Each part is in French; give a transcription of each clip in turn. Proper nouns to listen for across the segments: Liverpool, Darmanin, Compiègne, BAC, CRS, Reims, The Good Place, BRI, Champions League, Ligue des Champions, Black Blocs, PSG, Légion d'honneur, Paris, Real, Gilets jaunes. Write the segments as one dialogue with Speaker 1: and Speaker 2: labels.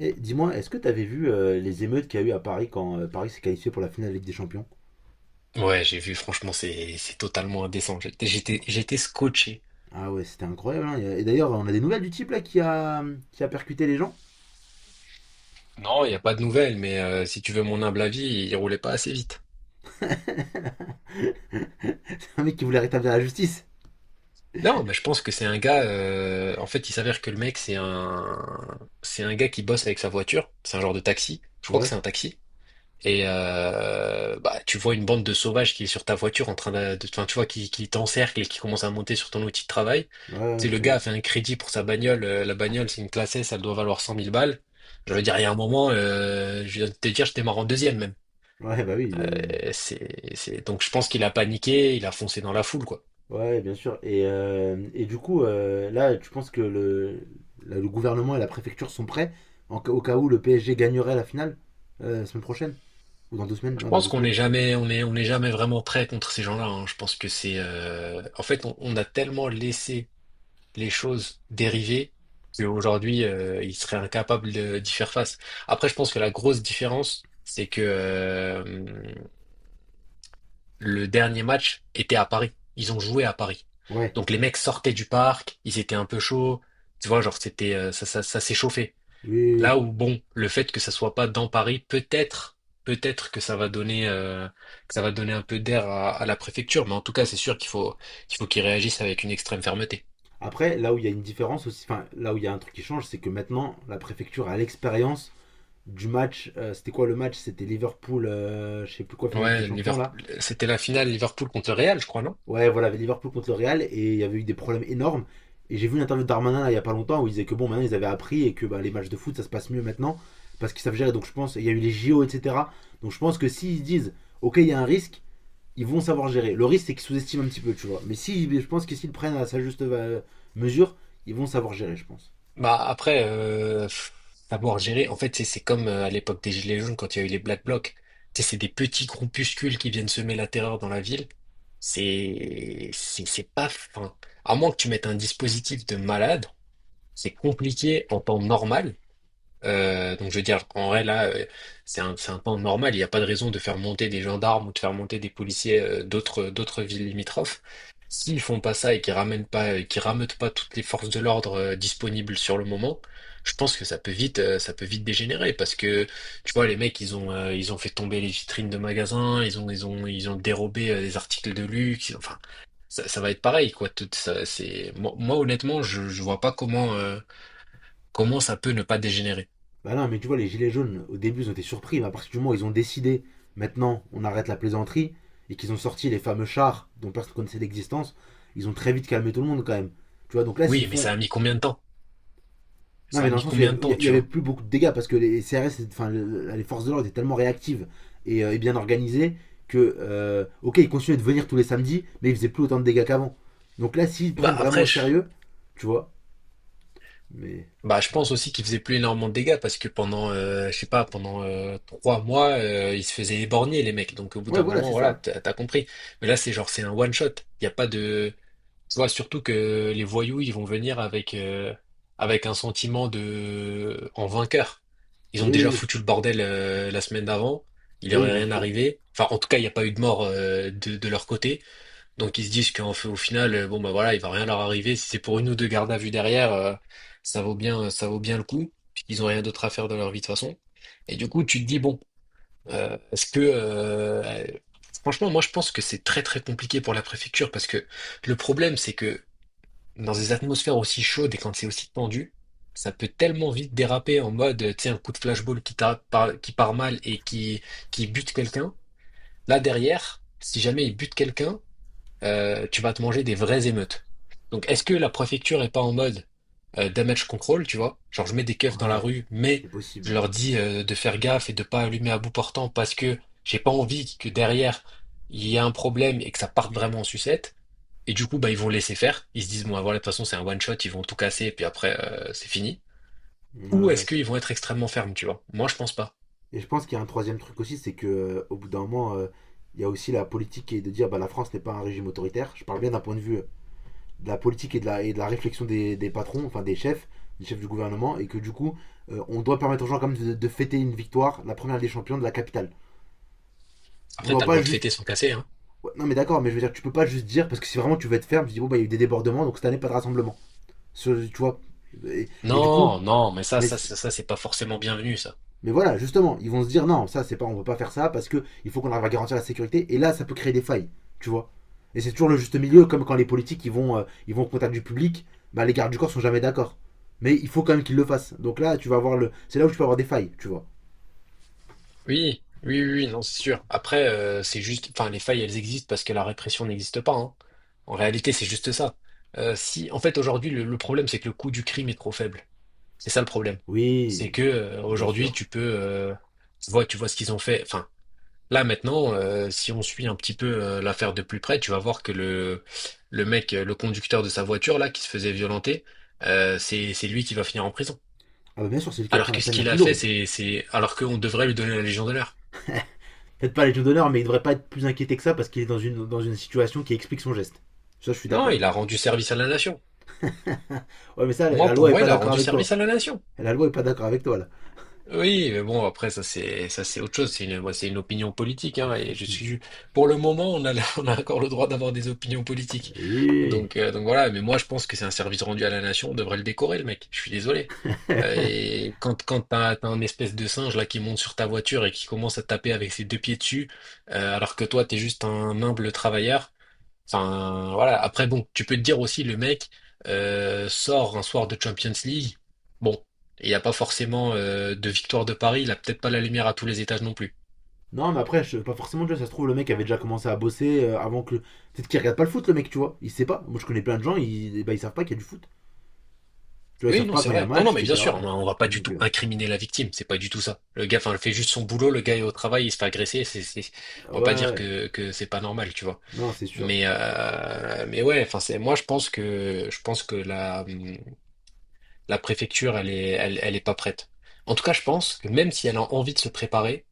Speaker 1: Et dis-moi, est-ce que tu avais vu les émeutes qu'il y a eu à Paris quand Paris s'est qualifié pour la finale de Ligue des Champions?
Speaker 2: Ouais, j'ai vu, franchement, c'est totalement indécent. J'étais scotché.
Speaker 1: Ah ouais, c'était incroyable, hein. Et d'ailleurs, on a des nouvelles du type là qui a percuté les gens.
Speaker 2: Non, il n'y a pas de nouvelles, mais si tu veux mon humble avis, il roulait pas assez vite.
Speaker 1: C'est un mec qui voulait rétablir la justice.
Speaker 2: Non, mais je pense que c'est un gars. En fait, il s'avère que le mec, c'est un gars qui bosse avec sa voiture. C'est un genre de taxi. Je crois que
Speaker 1: Ouais,
Speaker 2: c'est un taxi. Et bah, tu vois une bande de sauvages qui est sur ta voiture en train de, enfin, tu vois, qui t'encercle et qui commence à monter sur ton outil de travail.
Speaker 1: ouais,
Speaker 2: Tu sais,
Speaker 1: ouais,
Speaker 2: le
Speaker 1: bah
Speaker 2: gars
Speaker 1: oui.
Speaker 2: a fait un crédit pour sa bagnole. La bagnole, c'est une classe S, elle doit valoir cent mille balles. Je veux dire, il y a un moment, je viens de te dire, je démarre en deuxième même.
Speaker 1: Ouais, bah oui.
Speaker 2: C'est, Donc je pense qu'il a paniqué, il a foncé dans la foule, quoi.
Speaker 1: Ouais, bien sûr. Et du coup, là, tu penses que là, le gouvernement et la préfecture sont prêts au cas où le PSG gagnerait la finale la semaine prochaine? Ou dans deux semaines?
Speaker 2: Je
Speaker 1: Non, dans
Speaker 2: pense
Speaker 1: deux
Speaker 2: qu'on
Speaker 1: semaines.
Speaker 2: n'est jamais, on est, on n'est jamais vraiment prêt contre ces gens-là, hein. Je pense que c'est, en fait, on a tellement laissé les choses dérivées qu'aujourd'hui, ils seraient incapables d'y faire face. Après, je pense que la grosse différence, c'est que le dernier match était à Paris. Ils ont joué à Paris.
Speaker 1: Ouais.
Speaker 2: Donc les mecs sortaient du parc, ils étaient un peu chauds. Tu vois, genre c'était ça, ça s'est chauffé.
Speaker 1: Oui, oui,
Speaker 2: Là
Speaker 1: oui.
Speaker 2: où bon, le fait que ça soit pas dans Paris, peut-être, peut-être que ça va donner, que ça va donner un peu d'air à la préfecture. Mais en tout cas, c'est sûr qu'il faut qu'ils réagissent avec une extrême fermeté.
Speaker 1: Après, là où il y a une différence aussi, enfin là où il y a un truc qui change, c'est que maintenant la préfecture a l'expérience du match. C'était quoi le match? C'était Liverpool, je sais plus quoi, finale Ligue des
Speaker 2: Ouais,
Speaker 1: Champions là.
Speaker 2: Liverpool, c'était la finale Liverpool contre Real, je crois, non?
Speaker 1: Ouais, voilà, Liverpool contre le Real et il y avait eu des problèmes énormes. Et j'ai vu une interview de Darmanin là, il y a pas longtemps où il disait que bon, maintenant ils avaient appris et que bah, les matchs de foot ça se passe mieux maintenant parce qu'ils savent gérer. Donc je pense, il y a eu les JO, etc. Donc je pense que s'ils disent ok, il y a un risque, ils vont savoir gérer. Le risque c'est qu'ils sous-estiment un petit peu, tu vois. Mais si, je pense que s'ils prennent à sa juste mesure, ils vont savoir gérer, je pense.
Speaker 2: Bah après, pff, savoir gérer, en fait, c'est comme à l'époque des Gilets jaunes quand il y a eu les Black Blocs. Tu sais, c'est des petits groupuscules qui viennent semer la terreur dans la ville. C'est pas fin. À moins que tu mettes un dispositif de malade, c'est compliqué en temps normal. Donc je veux dire, en vrai là, c'est un temps normal. Il n'y a pas de raison de faire monter des gendarmes ou de faire monter des policiers d'autres villes limitrophes. S'ils font pas ça et qu'ils ramènent pas, qu'ils rameutent pas toutes les forces de l'ordre disponibles sur le moment, je pense que ça peut vite dégénérer parce que tu vois les mecs ils ont fait tomber les vitrines de magasins, ils ont ils ont dérobé des articles de luxe. Enfin, ça va être pareil quoi. Tout ça, c'est moi, moi, honnêtement je vois pas comment comment ça peut ne pas dégénérer.
Speaker 1: Bah non, mais tu vois, les gilets jaunes, au début, ils ont été surpris, mais à partir du moment où ils ont décidé, maintenant, on arrête la plaisanterie, et qu'ils ont sorti les fameux chars dont personne ne connaissait l'existence, ils ont très vite calmé tout le monde quand même. Tu vois, donc là, s'ils
Speaker 2: Oui, mais ça
Speaker 1: font.
Speaker 2: a mis combien de temps?
Speaker 1: Non,
Speaker 2: Ça
Speaker 1: mais
Speaker 2: a
Speaker 1: dans le
Speaker 2: mis
Speaker 1: sens où
Speaker 2: combien de temps,
Speaker 1: il y
Speaker 2: tu
Speaker 1: avait
Speaker 2: vois?
Speaker 1: plus beaucoup de dégâts, parce que les CRS, enfin, les forces de l'ordre étaient tellement réactives et bien organisées que, ok, ils continuaient de venir tous les samedis, mais ils faisaient plus autant de dégâts qu'avant. Donc là, s'ils
Speaker 2: Bah
Speaker 1: prennent vraiment
Speaker 2: après,
Speaker 1: au
Speaker 2: je,
Speaker 1: sérieux, tu vois, mais.
Speaker 2: bah, je
Speaker 1: Ouais,
Speaker 2: pense aussi qu'il faisait plus énormément de dégâts parce que pendant, je sais pas, pendant trois mois, ils se faisaient éborgner les mecs. Donc au bout
Speaker 1: ouais,
Speaker 2: d'un
Speaker 1: voilà,
Speaker 2: moment,
Speaker 1: c'est
Speaker 2: voilà,
Speaker 1: ça.
Speaker 2: t'as compris. Mais là, c'est genre, c'est un one shot. Il y a pas de, tu vois, surtout que les voyous, ils vont venir avec avec un sentiment de en vainqueur. Ils ont
Speaker 1: Oui,
Speaker 2: déjà
Speaker 1: oui,
Speaker 2: foutu le bordel la semaine d'avant. Il
Speaker 1: oui,
Speaker 2: leur
Speaker 1: oui,
Speaker 2: est
Speaker 1: bien
Speaker 2: rien
Speaker 1: sûr.
Speaker 2: arrivé. Enfin, en tout cas, il n'y a pas eu de mort de leur côté. Donc ils se disent qu'en fait, au final, bon bah voilà, il va rien leur arriver. Si c'est pour une ou deux gardes à vue derrière, ça vaut bien le coup, puisqu'ils ont rien d'autre à faire de leur vie de toute façon. Et du coup, tu te dis, bon, est-ce que franchement, moi je pense que c'est très très compliqué pour la préfecture, parce que le problème, c'est que dans des atmosphères aussi chaudes et quand c'est aussi tendu, ça peut tellement vite déraper en mode, tu sais, un coup de flashball qui, qui part mal et qui bute quelqu'un. Là derrière, si jamais il bute quelqu'un, tu vas te manger des vraies émeutes. Donc, est-ce que la préfecture est pas en mode damage control, tu vois? Genre, je mets des keufs dans la
Speaker 1: Ouais,
Speaker 2: rue, mais
Speaker 1: c'est
Speaker 2: je
Speaker 1: possible.
Speaker 2: leur dis de faire gaffe et de pas allumer à bout portant parce que j'ai pas envie que derrière il y ait un problème et que ça parte vraiment en sucette. Et du coup, bah, ils vont laisser faire. Ils se disent, bon, ah, voilà, de toute façon, c'est un one shot, ils vont tout casser et puis après, c'est fini.
Speaker 1: Ouais,
Speaker 2: Ou est-ce
Speaker 1: ouais.
Speaker 2: qu'ils vont être extrêmement fermes, tu vois? Moi, je pense pas.
Speaker 1: Et je pense qu'il y a un troisième truc aussi, c'est que au bout d'un moment, il y a aussi la politique qui est de dire bah la France n'est pas un régime autoritaire. Je parle bien d'un point de vue de la politique et de et de la réflexion des patrons, enfin des chefs du gouvernement, et que du coup, on doit permettre aux gens quand même de fêter une victoire, la première des champions de la capitale. On
Speaker 2: Après,
Speaker 1: doit
Speaker 2: t'as le
Speaker 1: pas
Speaker 2: droit de
Speaker 1: juste.
Speaker 2: fêter sans casser, hein.
Speaker 1: Ouais, non mais d'accord, mais je veux dire, tu peux pas juste dire parce que si vraiment tu veux être ferme, tu dis bon bah il y a eu des débordements, donc cette année pas de rassemblement. Tu vois. Et du coup,
Speaker 2: Non, non, mais ça,
Speaker 1: mais
Speaker 2: ça, c'est pas forcément bienvenu, ça.
Speaker 1: mais voilà, justement, ils vont se dire non, ça c'est pas, on peut pas faire ça parce que il faut qu'on arrive à garantir la sécurité. Et là, ça peut créer des failles, tu vois. Et c'est toujours le juste milieu, comme quand les politiques ils vont au contact du public, bah les gardes du corps sont jamais d'accord. Mais il faut quand même qu'ils le fassent. Donc là, tu vas avoir le, c'est là où tu peux avoir des failles, tu vois.
Speaker 2: Oui, oui, oui, oui, non, c'est sûr. Après, c'est juste, enfin, les failles, elles existent parce que la répression n'existe pas, hein. En réalité, c'est juste ça. Si, en fait, aujourd'hui, le problème, c'est que le coût du crime est trop faible. C'est ça le problème. C'est
Speaker 1: Oui,
Speaker 2: que
Speaker 1: bien
Speaker 2: aujourd'hui,
Speaker 1: sûr.
Speaker 2: tu peux, tu vois ce qu'ils ont fait. Enfin, là maintenant, si on suit un petit peu l'affaire de plus près, tu vas voir que le mec, le conducteur de sa voiture là, qui se faisait violenter, c'est lui qui va finir en prison.
Speaker 1: Ah bah bien sûr, c'est lui qui
Speaker 2: Alors
Speaker 1: prend
Speaker 2: que
Speaker 1: la
Speaker 2: ce
Speaker 1: peine la
Speaker 2: qu'il
Speaker 1: plus
Speaker 2: a fait,
Speaker 1: lourde.
Speaker 2: c'est, alors qu'on devrait lui donner la Légion d'honneur.
Speaker 1: Peut-être pas les Légion d'honneur, mais il devrait pas être plus inquiété que ça parce qu'il est dans une situation qui explique son geste. Ça, je suis
Speaker 2: Non,
Speaker 1: d'accord.
Speaker 2: il a rendu service à la nation.
Speaker 1: Ouais, mais ça,
Speaker 2: Moi,
Speaker 1: la
Speaker 2: pour
Speaker 1: loi est
Speaker 2: moi,
Speaker 1: pas
Speaker 2: il a
Speaker 1: d'accord
Speaker 2: rendu
Speaker 1: avec toi.
Speaker 2: service à la nation.
Speaker 1: La loi est pas d'accord avec toi là.
Speaker 2: Oui, mais bon, après, ça c'est autre chose. C'est une, moi, c'est une opinion politique, hein, et je suis pour le moment, on a la- on a encore le droit d'avoir des opinions politiques.
Speaker 1: Oui.
Speaker 2: Donc voilà. Mais moi, je pense que c'est un service rendu à la nation. On devrait le décorer, le mec. Je suis désolé. Et quand t'as un espèce de singe là qui monte sur ta voiture et qui commence à taper avec ses deux pieds dessus, alors que toi t'es juste un humble travailleur. Enfin, voilà. Après, bon, tu peux te dire aussi, le mec sort un soir de Champions League. Bon, il n'y a pas forcément de victoire de Paris. Il a peut-être pas la lumière à tous les étages non plus.
Speaker 1: Non, mais après, je, pas forcément, tu vois, ça se trouve, le mec avait déjà commencé à bosser avant que. Peut-être qu'il regarde pas le foot, le mec, tu vois. Il sait pas. Moi, je connais plein de gens, ils, bah ils savent pas qu'il y a du foot. Tu vois, ils
Speaker 2: Oui,
Speaker 1: savent
Speaker 2: non,
Speaker 1: pas
Speaker 2: c'est
Speaker 1: quand il y a
Speaker 2: vrai. Non, non,
Speaker 1: match,
Speaker 2: mais bien sûr,
Speaker 1: etc.
Speaker 2: on va pas du
Speaker 1: Donc,
Speaker 2: tout incriminer la victime. C'est pas du tout ça. Le gars, enfin, il fait juste son boulot. Le gars est au travail, il se fait agresser. C'est,
Speaker 1: ouais,
Speaker 2: on va pas dire
Speaker 1: ouais.
Speaker 2: que c'est pas normal, tu vois.
Speaker 1: Non, c'est sûr.
Speaker 2: Mais ouais, enfin, c'est moi, je pense que la la préfecture, elle est, elle, elle est pas prête. En tout cas, je pense que même si elle a envie de se préparer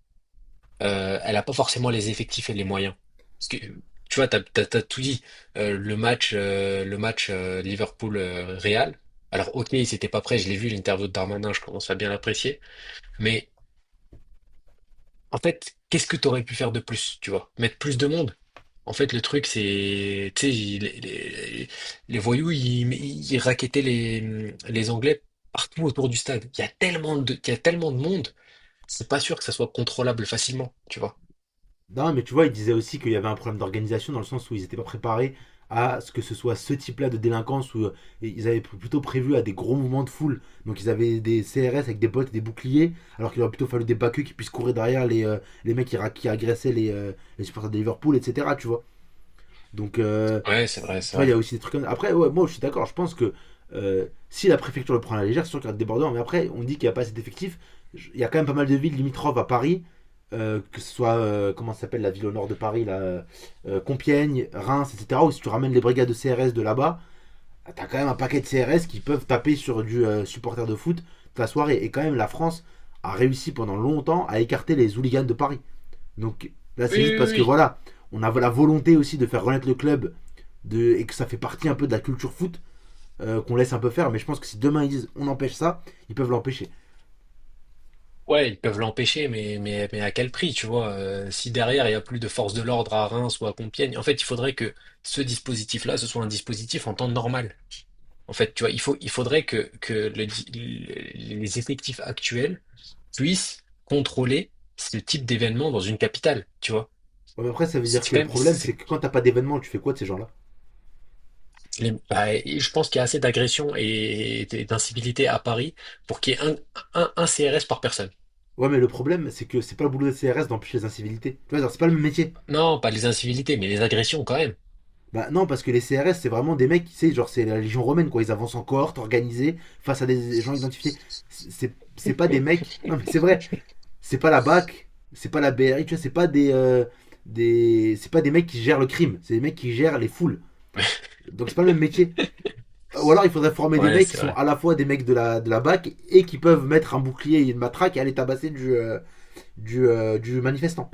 Speaker 2: elle a pas forcément les effectifs et les moyens. Parce que tu vois, t'as, t'as, t'as tout dit. Le match Liverpool-Real. Alors, ok, ils n'étaient pas prêts. Je l'ai vu l'interview de Darmanin. Je commence à bien l'apprécier. Mais en fait, qu'est-ce que t'aurais pu faire de plus? Tu vois, mettre plus de monde. En fait, le truc, c'est, tu sais, les, les voyous, ils racketaient les Anglais partout autour du stade. Il y a tellement de, il y a tellement de monde. C'est pas sûr que ça soit contrôlable facilement. Tu vois.
Speaker 1: Non, mais tu vois, il disait aussi qu'il y avait un problème d'organisation dans le sens où ils étaient pas préparés à ce que ce soit ce type-là de délinquance où ils avaient plutôt prévu à des gros mouvements de foule. Donc, ils avaient des CRS avec des bottes et des boucliers, alors qu'il aurait plutôt fallu des backeux qui puissent courir derrière les mecs qui, qui agressaient les supporters de Liverpool, etc. Tu vois. Donc,
Speaker 2: Ouais, c'est vrai,
Speaker 1: tu
Speaker 2: c'est
Speaker 1: vois, il y
Speaker 2: vrai.
Speaker 1: a aussi des trucs comme ça. Après, ouais, moi, je suis d'accord. Je pense que si la préfecture le prend à la légère, c'est sûr qu'il y a des débordements. Mais après, on dit qu'il n'y a pas assez d'effectifs. Il y a quand même pas mal de villes limitrophes à Paris. Que ce soit, comment ça s'appelle la ville au nord de Paris, là, Compiègne, Reims, etc. Où si tu ramènes les brigades de CRS de là-bas, t'as quand même un paquet de CRS qui peuvent taper sur du supporter de foot toute la soirée. Et quand même, la France a réussi pendant longtemps à écarter les hooligans de Paris. Donc là,
Speaker 2: Oui,
Speaker 1: c'est
Speaker 2: oui,
Speaker 1: juste
Speaker 2: oui,
Speaker 1: parce que
Speaker 2: oui.
Speaker 1: voilà, on a la volonté aussi de faire renaître le club de, et que ça fait partie un peu de la culture foot qu'on laisse un peu faire. Mais je pense que si demain ils disent on empêche ça, ils peuvent l'empêcher.
Speaker 2: Ouais, ils peuvent l'empêcher, mais à quel prix, tu vois? Si derrière, il n'y a plus de force de l'ordre à Reims ou à Compiègne, en fait, il faudrait que ce dispositif-là, ce soit un dispositif en temps normal. En fait, tu vois, il faut, il faudrait que les effectifs actuels puissent contrôler ce type d'événement dans une capitale, tu vois?
Speaker 1: Ouais, mais après, ça veut
Speaker 2: C'est
Speaker 1: dire que
Speaker 2: quand
Speaker 1: le
Speaker 2: même,
Speaker 1: problème, c'est que quand t'as pas d'événement, tu fais quoi de ces gens-là?
Speaker 2: bah, et je pense qu'il y a assez d'agressions et d'incivilités à Paris pour qu'il y ait un CRS par personne.
Speaker 1: Ouais, mais le problème, c'est que c'est pas le boulot des CRS d'empêcher les incivilités. Tu vois, genre, c'est pas le même métier.
Speaker 2: Non, pas les incivilités, mais les agressions quand même.
Speaker 1: Bah non, parce que les CRS, c'est vraiment des mecs, tu sais, genre, c'est la légion romaine, quoi. Ils avancent en cohorte, organisés, face à des gens identifiés. C'est pas des mecs. Non, mais c'est vrai. C'est pas la BAC, c'est pas la BRI, tu vois, c'est pas des. Des... C'est pas des mecs qui gèrent le crime, c'est des mecs qui gèrent les foules. Donc c'est pas le même métier. Ou alors il faudrait former des
Speaker 2: Ouais,
Speaker 1: mecs qui
Speaker 2: c'est
Speaker 1: sont
Speaker 2: vrai.
Speaker 1: à la fois des mecs de de la BAC et qui peuvent mettre un bouclier et une matraque et aller tabasser du manifestant.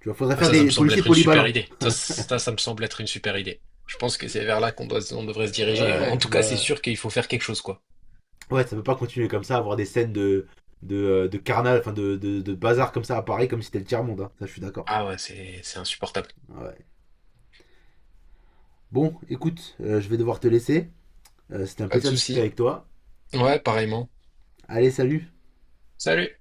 Speaker 1: Tu vois, faudrait
Speaker 2: Ah,
Speaker 1: faire
Speaker 2: ça me
Speaker 1: des
Speaker 2: semble
Speaker 1: policiers
Speaker 2: être une super
Speaker 1: polyballants.
Speaker 2: idée. Ça, ça me semble être une super idée. Je pense que c'est vers là qu'on doit, on devrait se diriger. En
Speaker 1: Ouais,
Speaker 2: tout cas, c'est
Speaker 1: bah,
Speaker 2: sûr qu'il faut faire quelque chose, quoi.
Speaker 1: ouais, ça peut pas continuer comme ça, avoir des scènes de carnal, enfin de bazar comme ça à Paris, comme si c'était le tiers-monde, hein. Ça, je suis d'accord.
Speaker 2: Ah ouais, c'est insupportable.
Speaker 1: Ouais. Bon, écoute, je vais devoir te laisser. C'était un
Speaker 2: Pas de
Speaker 1: plaisir de discuter
Speaker 2: souci.
Speaker 1: avec toi.
Speaker 2: Ouais, pareillement.
Speaker 1: Allez, salut
Speaker 2: Salut.